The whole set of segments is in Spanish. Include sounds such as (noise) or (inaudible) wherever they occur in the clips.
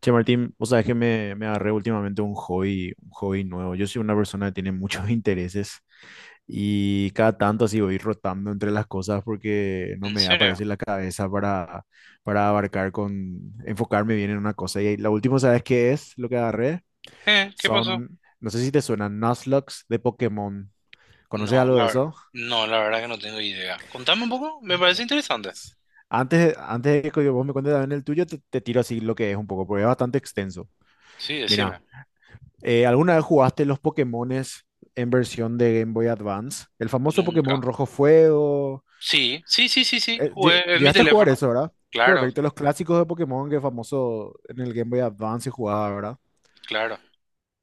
Che, Martín, vos sabés que me agarré últimamente un hobby nuevo. Yo soy una persona que tiene muchos (laughs) intereses y cada tanto así voy rotando entre las cosas porque no ¿En me aparece serio? la cabeza para abarcar enfocarme bien en una cosa. Y la última, ¿sabes qué es lo que agarré? ¿Eh? ¿Qué pasó? Son, no sé si te suenan Nuzlocke de Pokémon. ¿Conoces No, algo la de verdad, eso? no, la verdad que no tengo idea. Contame un poco, me parece interesante. Antes de que vos me cuentes también el tuyo, te tiro así lo que es un poco, porque es bastante extenso. Sí, Mira. decime. ¿Alguna vez jugaste los Pokémones en versión de Game Boy Advance? El famoso Pokémon Nunca. Rojo Fuego. Sí, sí, sí, sí, sí, jugué en mi ¿Llegaste a jugar teléfono. eso, verdad? Claro, Correcto, los clásicos de Pokémon que famoso en el Game Boy Advance se jugaba, ¿verdad? claro,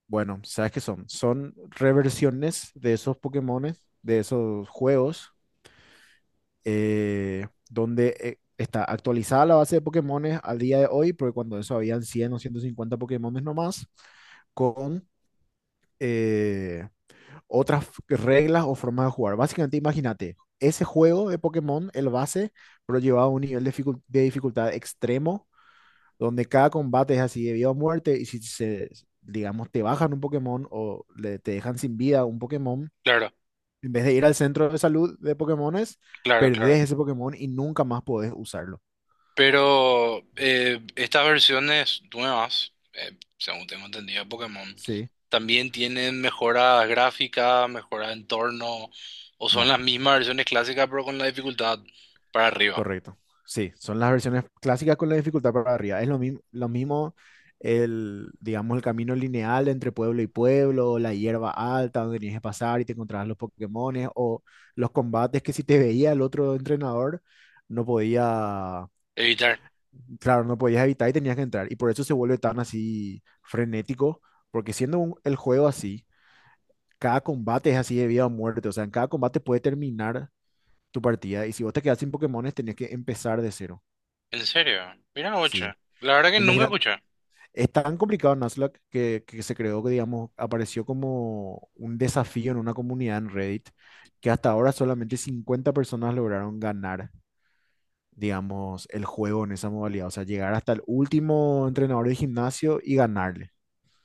Bueno, ¿sabes qué son? Son reversiones de esos Pokémones, de esos juegos, donde está actualizada la base de Pokémones al día de hoy, porque cuando eso habían 100, o 150 Pokémones nomás, con... eh, otras reglas o formas de jugar. Básicamente, imagínate, ese juego de Pokémon, el base, pero llevado a un nivel de dificultad extremo, donde cada combate es así de vida o muerte, y si se, digamos, te bajan un Pokémon o te dejan sin vida un Pokémon, claro, en vez de ir al centro de salud de Pokémones, claro, claro. perdés ese Pokémon y nunca más podés usarlo. Pero estas versiones nuevas, según tengo entendido, de Pokémon, Sí, también tienen mejoras gráficas, mejoras de entorno, o son no. las mismas versiones clásicas, pero con la dificultad para arriba. Correcto. Sí, son las versiones clásicas con la dificultad para arriba. Es lo mismo el, digamos, el camino lineal entre pueblo y pueblo, la hierba alta donde tenías que pasar y te encontrabas los Pokémones, o los combates que si te veía el otro entrenador, no podía, Evitar. claro, no podías evitar y tenías que entrar. Y por eso se vuelve tan así frenético, porque el juego así, cada combate es así de vida o muerte. O sea, en cada combate puede terminar tu partida. Y si vos te quedas sin Pokémones, tenías que empezar de cero. ¿En serio? Mira, ocho. Sí. La verdad que nunca Imagínate, escuché. es tan complicado Nuzlocke que se creó, que digamos, apareció como un desafío en una comunidad en Reddit, que hasta ahora solamente 50 personas lograron ganar, digamos, el juego en esa modalidad. O sea, llegar hasta el último entrenador de gimnasio y ganarle.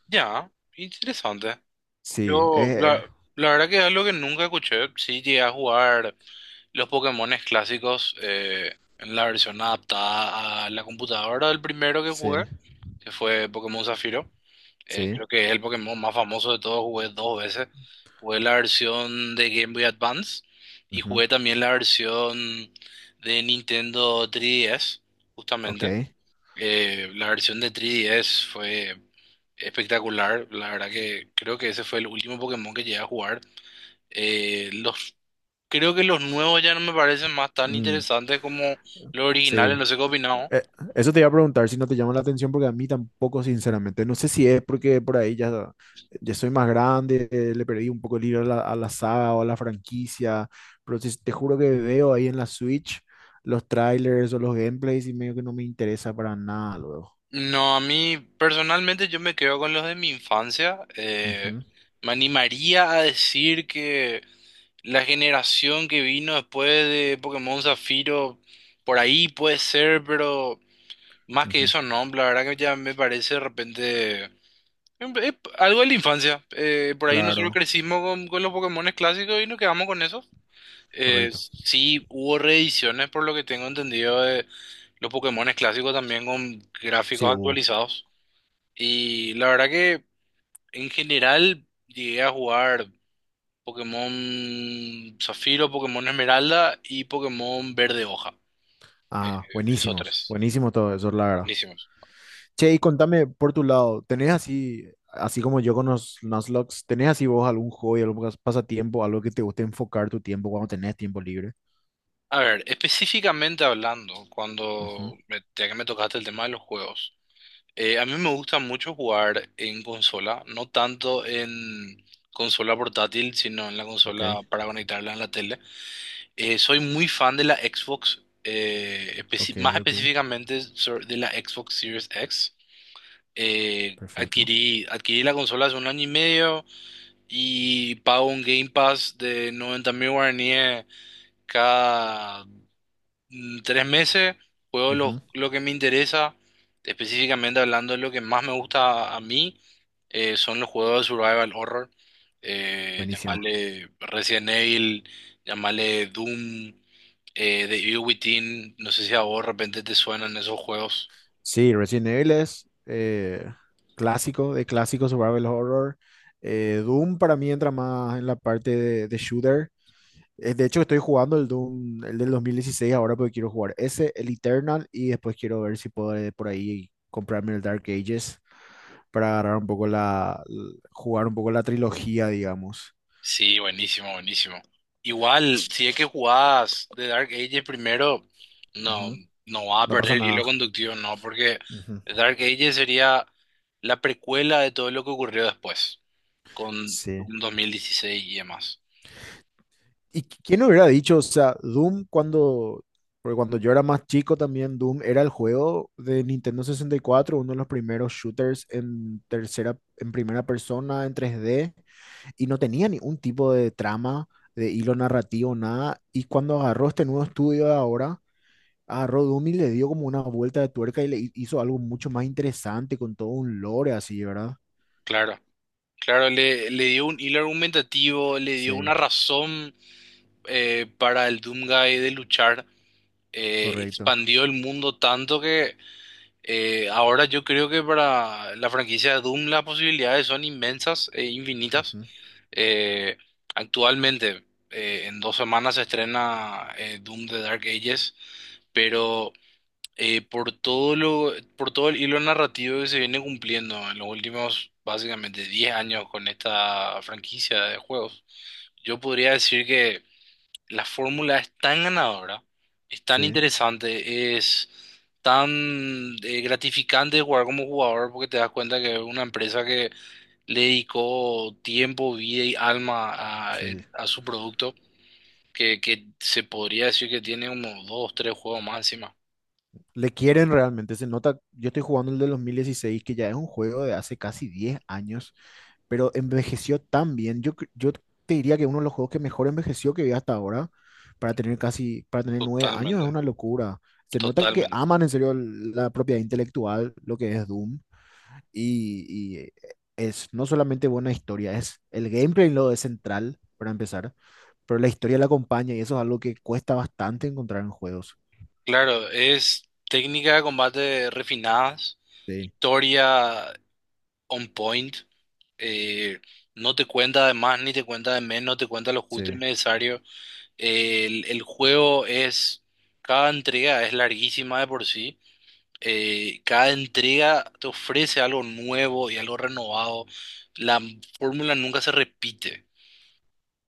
Ya, interesante. Sí, Yo, la, la verdad que es algo que nunca escuché. Sí llegué a jugar los Pokémones clásicos en la versión adaptada a la computadora del primero que jugué, sí, que fue Pokémon Zafiro. Sí. Creo que es el Pokémon más famoso de todos. Jugué dos veces. Jugué la versión de Game Boy Advance y Ujú. jugué también la versión de Nintendo 3DS, justamente. Ok. La versión de 3DS fue espectacular. La verdad que creo que ese fue el último Pokémon que llegué a jugar. Los, creo que los nuevos ya no me parecen más tan Mm, interesantes como los sí. originales. No sé qué opinamos. Eh, Eso te iba a preguntar si no te llama la atención, porque a mí tampoco, sinceramente. No sé si es porque por ya soy más grande, le perdí un poco el hilo a a la saga o a la franquicia, pero te juro que veo ahí en la Switch los trailers o los gameplays y medio que no me interesa para nada luego. No, a mí personalmente yo me quedo con los de mi infancia. Ujú, Me animaría a decir que la generación que vino después de Pokémon Zafiro, por ahí puede ser, pero... Más que ujú. eso, no, la verdad que ya me parece de repente algo de la infancia. Por ahí nosotros Claro, crecimos con los Pokémones clásicos y nos quedamos con eso. Correcto. Sí, hubo reediciones, por lo que tengo entendido, de los Pokémones clásicos también con Sí, gráficos hubo. actualizados. Y la verdad que en general llegué a jugar Pokémon Zafiro, Pokémon Esmeralda y Pokémon Verde Hoja. Ah, Esos buenísimos, tres. buenísimo todo eso, la verdad. Buenísimos. Che, y contame por tu lado, ¿tenés así, así como yo con los Nuzlocke, tenés así vos algún hobby, algún pasatiempo, algo que te guste enfocar tu tiempo cuando tenés tiempo libre? A ver, específicamente hablando, Ujú. cuando me, ya que me tocaste el tema de los juegos, a mí me gusta mucho jugar en consola, no tanto en consola portátil, sino en la Ok, consola para conectarla en la tele. Soy muy fan de la Xbox, ok, más ok, específicamente de la Xbox Series X. Perfecto. Adquirí la consola hace un año y medio y pago un Game Pass de 90.000 guaraníes cada tres meses, juego Ujú. lo que me interesa, específicamente hablando, lo que más me gusta a mí son los juegos de survival horror, Buenísimo. llamarle Resident Evil, llamarle Doom, The Evil Within, no sé si a vos de repente te suenan esos juegos. Sí, Resident Evil es clásico, de clásico survival horror. Doom para mí entra más en la parte de shooter. De hecho, estoy jugando el Doom, el del 2016 ahora porque quiero jugar ese, el Eternal, y después quiero ver si puedo por ahí comprarme el Dark Ages para agarrar un poco jugar un poco la trilogía, digamos. Sí, buenísimo, buenísimo. Igual, si es que jugás The Dark Ages primero, no, Ujú. no vas a No perder pasa el hilo nada. conductivo, no, porque Ujú. The Dark Ages sería la precuela de todo lo que ocurrió después, con Sí. un 2016 y demás. ¿Y quién hubiera dicho? O sea, porque cuando yo era más chico también, Doom era el juego de Nintendo 64, uno de los primeros shooters en tercera, en primera persona, en 3D. Y no tenía ningún tipo de trama, de hilo narrativo, nada. Y cuando agarró este nuevo estudio de ahora, agarró Doom y le dio como una vuelta de tuerca y le hizo algo mucho más interesante con todo un lore así, ¿verdad? Claro, claro, le dio un hilo argumentativo, le dio Sí, una razón para el Doomguy de luchar, correcto. expandió el mundo tanto que. Ahora yo creo que para la franquicia de Doom las posibilidades son inmensas e infinitas. Ujú. Eh, actualmente, en 2 semanas se estrena Doom The Dark Ages, pero por todo el hilo narrativo que se viene cumpliendo en los últimos básicamente 10 años con esta franquicia de juegos, yo podría decir que la fórmula es tan ganadora, es tan Sí, interesante, es tan gratificante jugar como jugador porque te das cuenta que es una empresa que le dedicó tiempo, vida y alma sí. a su producto, que se podría decir que tiene unos dos, tres juegos más encima. Le quieren realmente, se nota. Yo estoy jugando el de 2016, que ya es un juego de hace casi 10 años, pero envejeció tan bien. Yo te diría que uno de los juegos que mejor envejeció que vi hasta ahora, para tener para tener 9 años, es Totalmente, una locura. Se nota que totalmente. aman en serio la propiedad intelectual, lo que es Doom, y, y es no solamente buena historia, es el gameplay lo es central, para empezar, pero la historia la acompaña y eso es algo que cuesta bastante encontrar en juegos. Claro, es técnica de combate refinadas, Sí, historia on point. eh, no te cuenta de más ni te cuenta de menos, no te cuenta lo justo sí, y necesario. El juego es, cada entrega es larguísima de por sí. Cada entrega te ofrece algo nuevo y algo renovado. La fórmula nunca se repite.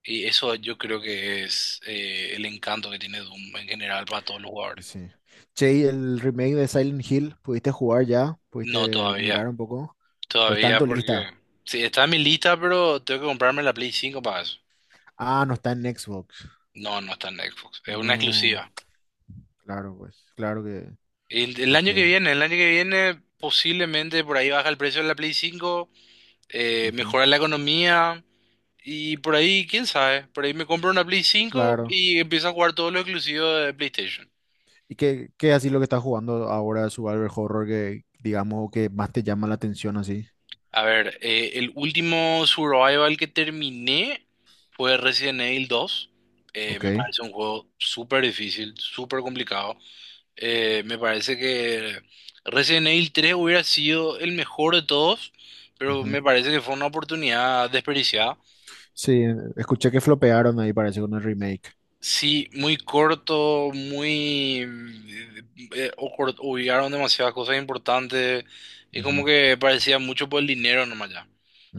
Y eso yo creo que es el encanto que tiene Doom en general para todos los y jugadores. sí. Che, ¿y el remake de Silent Hill, pudiste jugar ya? No, Sí. ¿Pudiste Todavía. mirar un poco? Por Todavía tanto, porque... lista. Sí, está en mi lista, pero tengo que comprarme la Play 5 para eso. Ah, no está en Xbox. No, no está en Xbox. Es una No, exclusiva. claro, pues, claro que, El ok, año que viene, el año que viene posiblemente por ahí baja el precio de la Play 5, ujú, mejora la economía y por ahí, quién sabe, por ahí me compro una Play 5 claro. y empiezo a jugar todos los exclusivos de PlayStation. ¿Y qué, qué así lo que estás jugando ahora, Survival Horror, que digamos que más te llama la atención así? A ver, el último survival que terminé fue Resident Evil 2. Ok, Me parece un juego súper difícil, súper complicado. Me parece que Resident Evil 3 hubiera sido el mejor de todos, pero ujú. me parece que fue una oportunidad desperdiciada. Sí, escuché que flopearon ahí, parece, con el remake. Sí, muy corto, muy... obviaron demasiadas cosas importantes y como Ujú, que parecía mucho por el dinero nomás ya.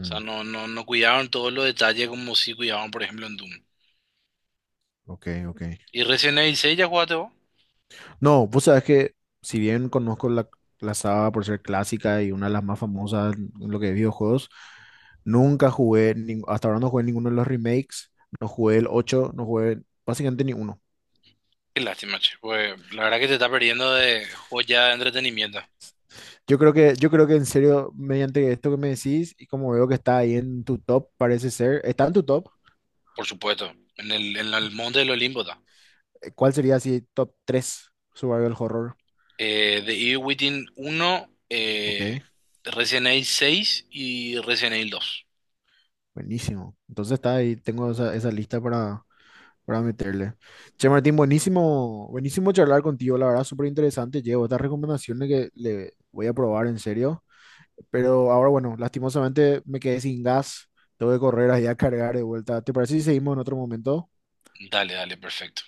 O sea, no, no, no cuidaron todos los detalles como sí cuidaban, por ejemplo, en Doom. ok, ok. Y Resident Evil 6 ya jugaste vos. No, vos sabés que si bien conozco la saga por ser clásica y una de las más famosas en lo que es videojuegos, nunca jugué, hasta ahora no jugué ninguno de los remakes, no jugué el 8, no jugué básicamente ni uno. Qué lástima, che. Pues la verdad que te está perdiendo de joya de entretenimiento. Yo creo que en serio, mediante esto que me decís y como veo que está ahí en tu top, parece ser, está en tu top, Por supuesto, en el Monte del Olimpo está. ¿Cuál sería así top 3 survival horror? The Evil Within 1, Ok, Resident Evil 6 y Resident Evil 2. buenísimo. Entonces está ahí, tengo esa lista para meterle. Che, Martín, buenísimo, buenísimo charlar contigo, la verdad, súper interesante. Llevo estas recomendaciones que le voy a probar en serio, pero ahora, bueno, lastimosamente me quedé sin gas, tengo que correr ahí a cargar de vuelta. ¿Te parece si seguimos en otro momento? Dale, dale, perfecto.